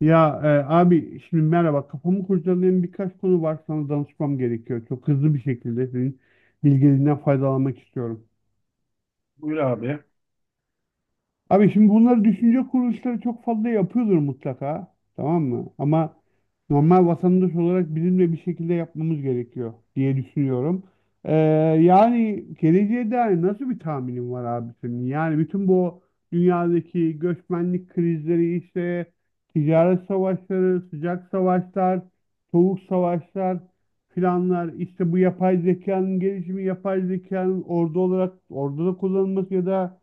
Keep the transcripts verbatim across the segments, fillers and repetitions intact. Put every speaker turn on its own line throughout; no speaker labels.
Ya, e, abi şimdi merhaba kafamı kurcalayan birkaç konu var sana danışmam gerekiyor. Çok hızlı bir şekilde senin bilgilerinden faydalanmak istiyorum.
Buyur abi.
Abi şimdi bunları düşünce kuruluşları çok fazla yapıyordur mutlaka. Tamam mı? Ama normal vatandaş olarak bizim de bir şekilde yapmamız gerekiyor diye düşünüyorum. Ee, Yani geleceğe dair nasıl bir tahminin var abi senin? Yani bütün bu dünyadaki göçmenlik krizleri, işte ticaret savaşları, sıcak savaşlar, soğuk savaşlar filanlar, işte bu yapay zekanın gelişimi, yapay zekanın ordu olarak orduda kullanılması ya da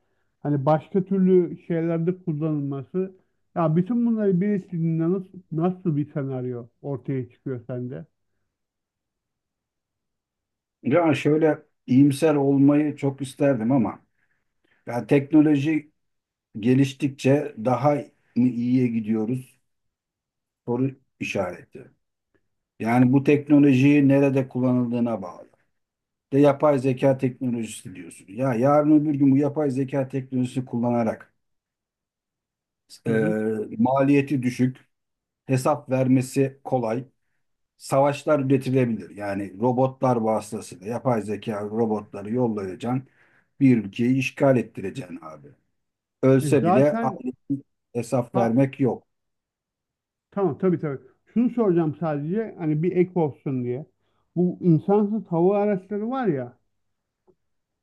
Hani başka türlü şeylerde kullanılması. Ya bütün bunları birleştirdiğinde nasıl, nasıl bir senaryo ortaya çıkıyor sende?
Ya şöyle iyimser olmayı çok isterdim ama ya teknoloji geliştikçe daha mı iyiye gidiyoruz? Soru işareti. Yani bu teknolojiyi nerede kullanıldığına bağlı. De yapay zeka teknolojisi diyorsun. Ya yarın öbür gün bu yapay zeka teknolojisi kullanarak
Hı
e,
hı.
maliyeti düşük, hesap vermesi kolay, savaşlar üretilebilir. Yani robotlar vasıtasıyla yapay zeka robotları yollayacaksın. Bir ülkeyi işgal ettireceksin abi.
E
Ölse bile
zaten
ailesine hesap
ha,
vermek yok.
tamam, tabii tabii. Şunu soracağım sadece hani bir ek olsun diye. Bu insansız hava araçları var ya,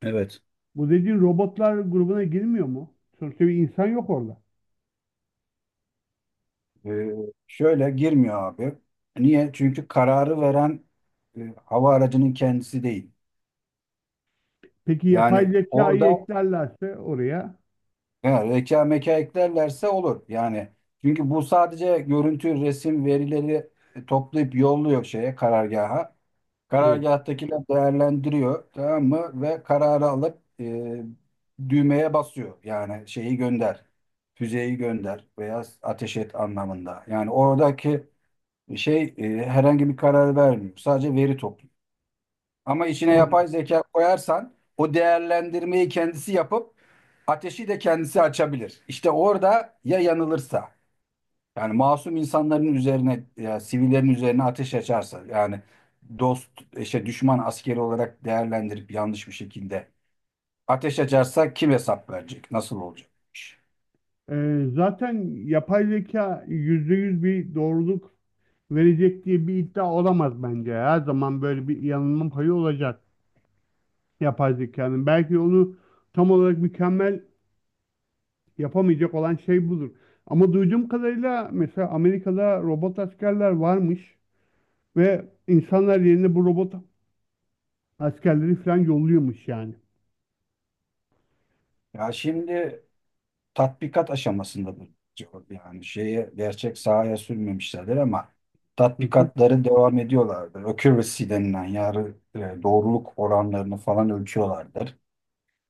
Evet.
bu dediğin robotlar grubuna girmiyor mu? Sonuçta bir insan yok orada.
Ee, şöyle girmiyor abi. Niye? Çünkü kararı veren e, hava aracının kendisi değil.
Peki yapay
Yani
zekayı
orada
eklerlerse oraya?
he, reka meka eklerlerse olur. Yani çünkü bu sadece görüntü, resim, verileri e, toplayıp yolluyor şeye, karargaha.
Evet.
Karargâhtakiler değerlendiriyor, tamam mı? Ve kararı alıp e, düğmeye basıyor. Yani şeyi gönder, füzeyi gönder veya ateş et anlamında. Yani oradaki şey e, herhangi bir karar vermiyor. Sadece veri topluyor. Ama içine
Anladım.
yapay zeka koyarsan o değerlendirmeyi kendisi yapıp ateşi de kendisi açabilir. İşte orada ya yanılırsa. Yani masum insanların üzerine, ya, sivillerin üzerine ateş açarsa, yani dost, işte düşman askeri olarak değerlendirip yanlış bir şekilde ateş açarsa kim hesap verecek? Nasıl olacak bu iş?
E, zaten yapay zeka yüzde yüz bir doğruluk verecek diye bir iddia olamaz bence. Her zaman böyle bir yanılma payı olacak yapay zekanın. Belki onu tam olarak mükemmel yapamayacak olan şey budur. Ama duyduğum kadarıyla mesela Amerika'da robot askerler varmış ve insanlar yerine bu robot askerleri falan yolluyormuş yani.
Ya şimdi tatbikat aşamasında bu. Yani şeye gerçek sahaya sürmemişlerdir ama
Hı hı,
tatbikatları devam ediyorlardır. Accuracy denilen yani e, doğruluk oranlarını falan ölçüyorlardır.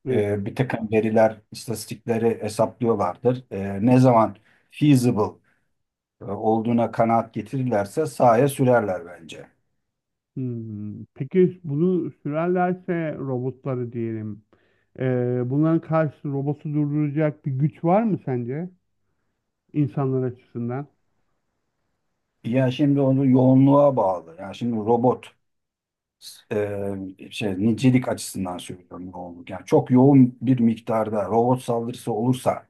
evet.
E, bir takım veriler, istatistikleri hesaplıyorlardır. E, ne zaman feasible e, olduğuna kanaat getirirlerse sahaya sürerler bence.
Hmm, Peki bunu sürerlerse robotları diyelim. Ee, bunların karşı robotu durduracak bir güç var mı sence insanlar açısından?
Ya şimdi onu yoğunluğa bağlı. Yani şimdi robot e, şey, nicelik açısından söylüyorum, yoğunluk. Yani çok yoğun bir miktarda robot saldırısı olursa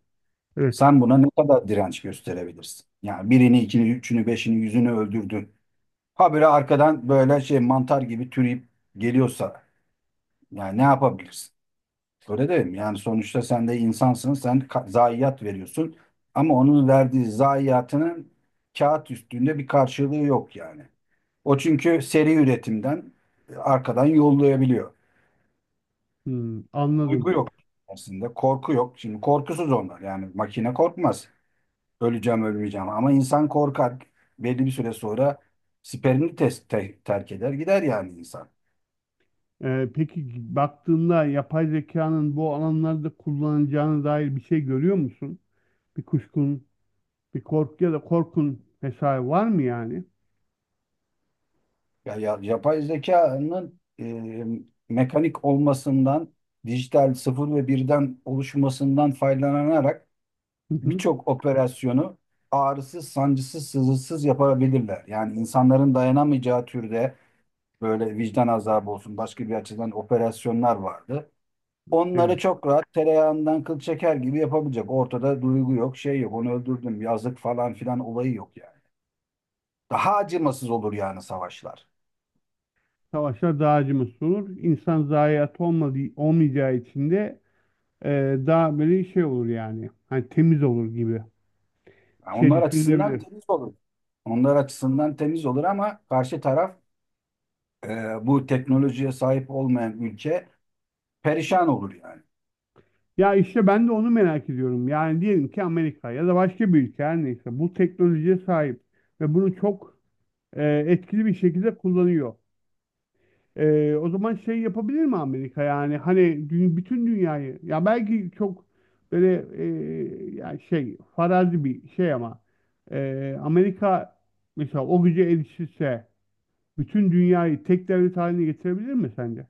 Evet.
sen buna ne kadar direnç gösterebilirsin? Yani birini, ikini, üçünü, beşini, yüzünü öldürdün. Habire arkadan böyle şey mantar gibi türeyip geliyorsa yani ne yapabilirsin? Öyle değil mi? Yani sonuçta sen de insansın, sen ka- zayiat veriyorsun. Ama onun verdiği zayiatının kağıt üstünde bir karşılığı yok yani. O çünkü seri üretimden e, arkadan yollayabiliyor.
Hmm,
Duygu
anladım.
yok aslında, korku yok. Şimdi korkusuz onlar. Yani makine korkmaz. Öleceğim, ölmeyeceğim. Ama insan korkar. Belli bir süre sonra siperini tes- te- terk eder, gider yani insan.
Ee, peki baktığında yapay zekanın bu alanlarda kullanacağına dair bir şey görüyor musun? Bir kuşkun, bir korku ya da korkun vesaire var mı yani?
Ya, ya- yapay zekanın e, mekanik olmasından, dijital sıfır ve birden oluşmasından faydalanarak
Hı hı,
birçok operasyonu ağrısız, sancısız, sızısız yapabilirler. Yani insanların dayanamayacağı türde böyle vicdan azabı olsun, başka bir açıdan operasyonlar vardı. Onları
evet.
çok rahat tereyağından kıl çeker gibi yapabilecek. Ortada duygu yok, şey yok, onu öldürdüm, yazık falan filan olayı yok yani. Daha acımasız olur yani savaşlar.
Savaşlar dağcımız olur. İnsan zayiat olmadığı, olmayacağı için de e, daha böyle şey olur yani. Hani temiz olur gibi
Ha,
bir şey
onlar açısından
düşünülebilir.
temiz olur. Onlar açısından temiz olur ama karşı taraf e, bu teknolojiye sahip olmayan ülke perişan olur yani.
Ya işte ben de onu merak ediyorum. Yani diyelim ki Amerika ya da başka bir ülke her neyse bu teknolojiye sahip ve bunu çok e, etkili bir şekilde kullanıyor. E, o zaman şey yapabilir mi Amerika, yani hani dü- bütün dünyayı, ya belki çok böyle e, yani şey farazi bir şey, ama e, Amerika mesela o güce erişirse bütün dünyayı tek devlet haline getirebilir mi sence?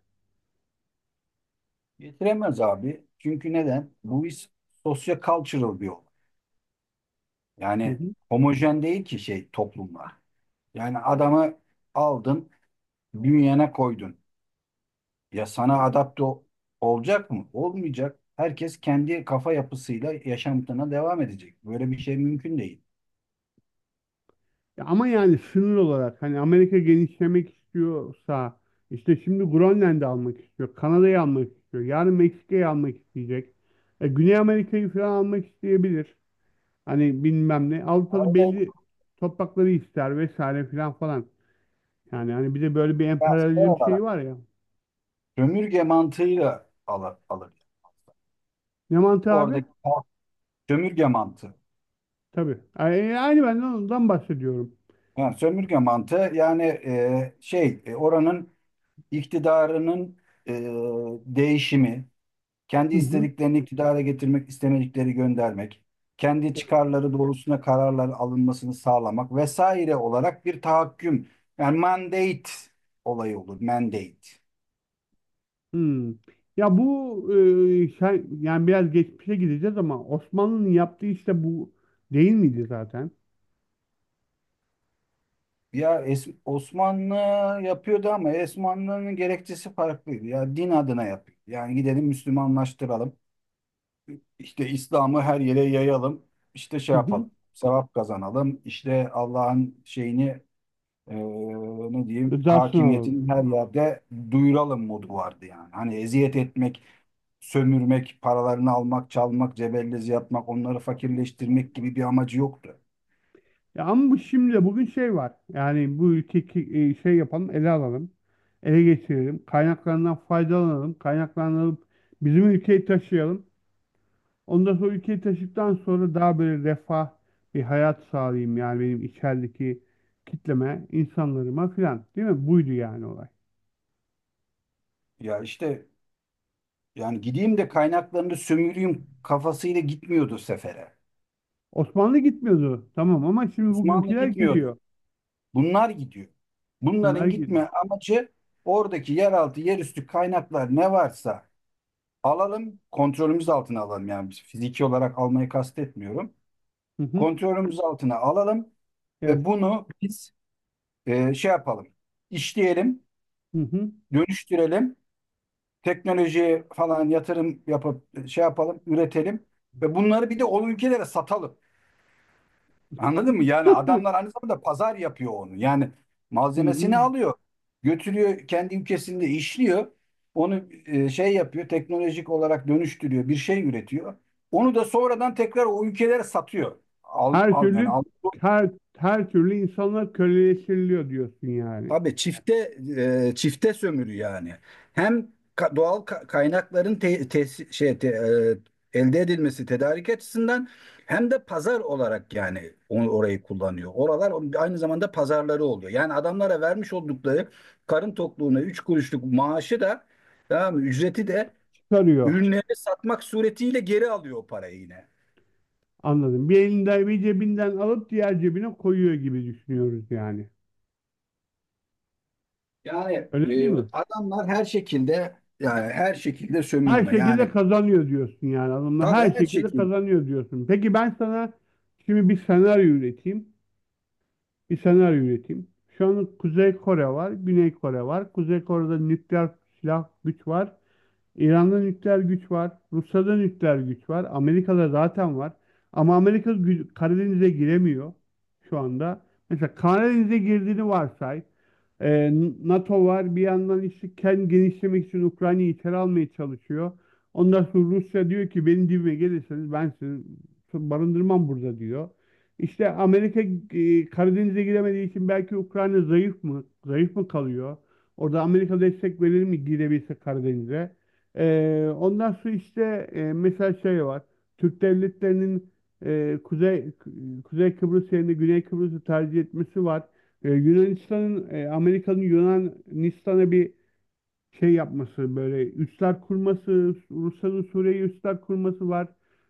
Getiremez abi. Çünkü neden? Bu iş sosyo-cultural bir olay.
Hı
Yani
hı.
homojen değil ki şey toplumlar. Yani adamı aldın, bünyene koydun. Ya sana adapte ol- olacak mı? Olmayacak. Herkes kendi kafa yapısıyla yaşamına devam edecek. Böyle bir şey mümkün değil.
Ya ama yani sınır olarak hani Amerika genişlemek istiyorsa, işte şimdi Grönland'ı almak istiyor, Kanada'yı almak istiyor, yarın Meksika'yı almak isteyecek. E, Güney Amerika'yı falan almak isteyebilir. Hani bilmem ne. Avrupa'da belli toprakları ister vesaire filan falan. Yani hani bir de böyle bir emperyalizm şeyi
Arada-
var ya.
Sömürge mantığıyla alır, alır.
Ne mantığı abi?
Oradaki halk, sömürge mantığı.
Tabii. Ay- Aynı ben de ondan bahsediyorum.
Yani sömürge mantığı, yani e, şey e, oranın iktidarının e, değişimi, kendi
Hı hı.
istediklerini iktidara getirmek, istemedikleri göndermek, kendi çıkarları doğrusuna kararlar alınmasını sağlamak vesaire olarak bir tahakküm. Yani mandate olayı olur. Mandate.
Hmm. Ya bu e, şey- yani biraz geçmişe gideceğiz ama Osmanlı'nın yaptığı işte bu değil miydi zaten?
Ya Es- Osmanlı yapıyordu ama Osmanlı'nın gerekçesi farklıydı. Ya din adına yapıyor. Yani gidelim Müslümanlaştıralım. İşte İslam'ı her yere yayalım. İşte şey
Hı hı.
yapalım. Sevap kazanalım. İşte Allah'ın şeyini e, ne diyeyim,
Rızasını alalım.
hakimiyetini her yerde duyuralım modu vardı yani. Hani eziyet etmek, sömürmek, paralarını almak, çalmak, cebellezi yapmak, onları fakirleştirmek gibi bir amacı yoktu.
Ya ama bu şimdi bugün şey var. Yani bu ülkeyi e, şey yapalım, ele alalım. Ele geçirelim. Kaynaklarından faydalanalım. Kaynaklanıp bizim ülkeyi taşıyalım. Ondan sonra ülkeyi taşıdıktan sonra daha böyle refah bir hayat sağlayayım. Yani benim içerideki kitleme, insanlarıma filan. Değil mi? Buydu yani olay.
Ya işte, yani gideyim de kaynaklarını sömüreyim kafasıyla gitmiyordu sefere.
Osmanlı gitmiyordu. Tamam ama şimdi
Osmanlı
bugünküler
gitmiyordu.
gidiyor.
Bunlar gidiyor.
Bunlar
Bunların
gidiyor.
gitme amacı, oradaki yeraltı, yerüstü kaynaklar ne varsa alalım, kontrolümüz altına alalım. Yani biz fiziki olarak almayı kastetmiyorum.
Hı hı.
Kontrolümüz altına alalım
Evet.
ve bunu biz e, şey yapalım, işleyelim,
Hı hı.
dönüştürelim, teknolojiye falan yatırım yapıp e, şey yapalım, üretelim ve bunları bir de o ülkelere satalım. Anladın mı? Yani adamlar aynı zamanda pazar yapıyor onu. Yani
Hı hı.
malzemesini alıyor, götürüyor, kendi ülkesinde işliyor. Onu e, şey yapıyor, teknolojik olarak dönüştürüyor, bir şey üretiyor. Onu da sonradan tekrar o ülkelere satıyor. Al,
Her
al yani
türlü
al.
her her türlü insanlar köleleştiriliyor diyorsun yani.
Abi çifte e, çifte sömürü yani. Hem ka- doğal ka- kaynakların te- tes- şey te- e, elde edilmesi, tedarik açısından, hem de pazar olarak, yani onu, orayı kullanıyor. Oralar aynı zamanda pazarları oluyor. Yani adamlara vermiş oldukları karın tokluğuna üç kuruşluk maaşı da, tamam mı, ücreti de
Çıkarıyor.
ürünleri satmak suretiyle geri alıyor o parayı yine.
Anladım. Bir elinden bir cebinden alıp diğer cebine koyuyor gibi düşünüyoruz yani.
Yani
Öyle değil
e,
mi?
adamlar her şekilde, yani her şekilde
Her
sömürme.
şekilde
Yani
kazanıyor diyorsun yani adamlar.
tabii
Her
her
şekilde
şekilde.
kazanıyor diyorsun. Peki ben sana şimdi bir senaryo üreteyim. Bir senaryo üreteyim. Şu an Kuzey Kore var, Güney Kore var. Kuzey Kore'de nükleer silah güç var. İran'da nükleer güç var. Rusya'da nükleer güç var. Amerika'da zaten var. Ama Amerika gü- Karadeniz'e giremiyor şu anda. Mesela Karadeniz'e girdiğini varsay. Ee, NATO var. Bir yandan işte kendi genişlemek için Ukrayna'yı içeri almaya çalışıyor. Ondan sonra Rusya diyor ki benim dibime gelirseniz ben sizi barındırmam burada diyor. İşte Amerika e, Karadeniz'e giremediği için belki Ukrayna zayıf mı? Zayıf mı kalıyor? Orada Amerika destek verir mi girebilse Karadeniz'e? Ee, ondan sonra işte e, mesela şey var. Türk devletlerinin e, Kuzey Kuzey Kıbrıs yerine Güney Kıbrıs'ı tercih etmesi var. E, Yunanistan'ın e, Amerika'nın Yunanistan'a bir şey yapması, böyle üsler kurması, Rusya'nın Suriye'ye üsler kurması var.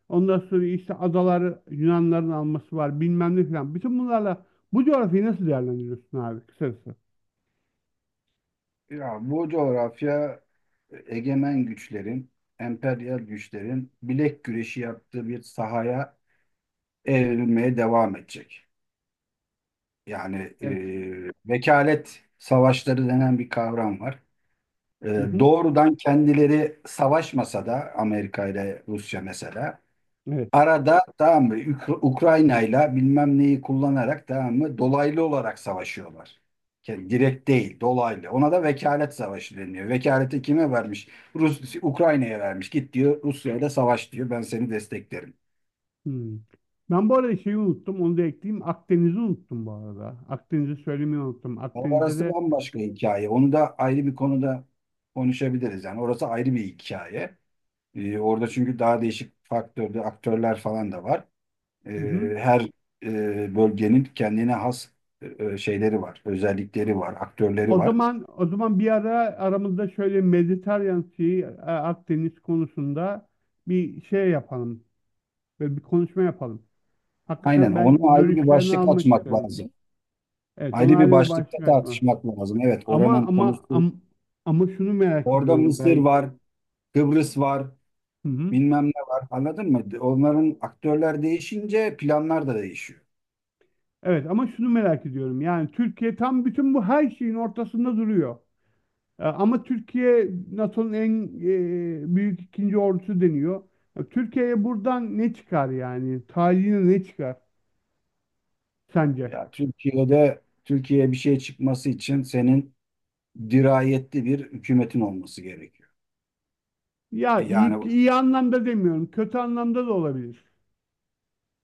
Ondan sonra işte adalar Yunanların alması var, bilmem ne filan. Bütün bunlarla bu coğrafyayı nasıl değerlendiriyorsun abi kısacası?
Ya bu coğrafya egemen güçlerin, emperyal güçlerin bilek güreşi yaptığı bir sahaya evrilmeye devam edecek. Yani
Evet.
e, vekalet savaşları denen bir kavram var. E,
Hı hı.
doğrudan kendileri savaşmasa da Amerika ile Rusya mesela
Evet.
arada, tamam mı, Ük- Ukrayna'yla bilmem neyi kullanarak, tamam mı, dolaylı olarak savaşıyorlar. Yani direkt değil, dolaylı. Ona da vekalet savaşı deniyor. Vekaleti kime vermiş? Rus Ukrayna'ya vermiş. Git diyor, Rusya'yla savaş diyor. Ben seni desteklerim.
Hmm. Ben bu arada şeyi unuttum, onu da ekleyeyim. Akdeniz'i unuttum bu arada. Akdeniz'i söylemeyi unuttum.
Ama
Akdeniz'de
orası
de
bambaşka hikaye. Onu da ayrı bir konuda konuşabiliriz. Yani orası ayrı bir hikaye. Ee, orada çünkü daha değişik faktörde aktörler falan da var. E,
hı hı.
her e, bölgenin kendine has e, şeyleri var, özellikleri var, aktörleri
O
var.
zaman o zaman bir ara aramızda şöyle Mediterranean Sea, e, Akdeniz konusunda bir şey yapalım. Böyle bir konuşma yapalım.
Aynen,
Hakikaten
onu
ben
ayrı bir
görüşlerini
başlık
almak
açmak
isterim.
lazım.
Evet, ona
Ayrı bir
ayrı bir
başlıkta
başlık açma.
tartışmak lazım. Evet,
Ama
oranın
ama
konusu.
ama, ama şunu merak
Orada
ediyorum
Mısır
ben.
var, Kıbrıs var,
Hı hı.
bilmem ne var. Anladın mı? Onların aktörler değişince planlar da değişiyor.
Evet, ama şunu merak ediyorum. Yani Türkiye tam bütün bu her şeyin ortasında duruyor. E, Ama Türkiye NATO'nun en e, büyük ikinci ordusu deniyor. Ya, Türkiye'ye buradan ne çıkar yani? Tarihine ne çıkar sence?
Ya Türkiye'de Türkiye'ye bir şey çıkması için senin dirayetli bir hükümetin olması gerekiyor.
Ya
E,
iyi,
Yani,
iyi anlamda demiyorum. Kötü anlamda da olabilir.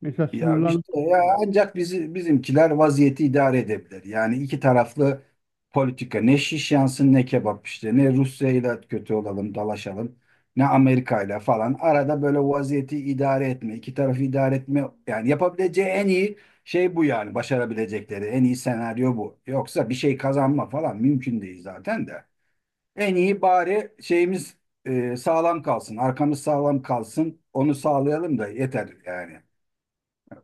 Mesela
ya
sınırlar
işte, ya ancak bizi bizimkiler vaziyeti idare edebilir. Yani iki taraflı politika, ne şiş yansın ne kebap, işte ne Rusya ile kötü olalım, dalaşalım, ne Amerika ile falan, arada böyle vaziyeti idare etme, iki tarafı idare etme, yani yapabileceği en iyi şey bu, yani başarabilecekleri en iyi senaryo bu. Yoksa bir şey kazanma falan mümkün değil zaten de. En iyi bari şeyimiz e, sağlam kalsın, arkamız sağlam kalsın, onu sağlayalım da yeter yani.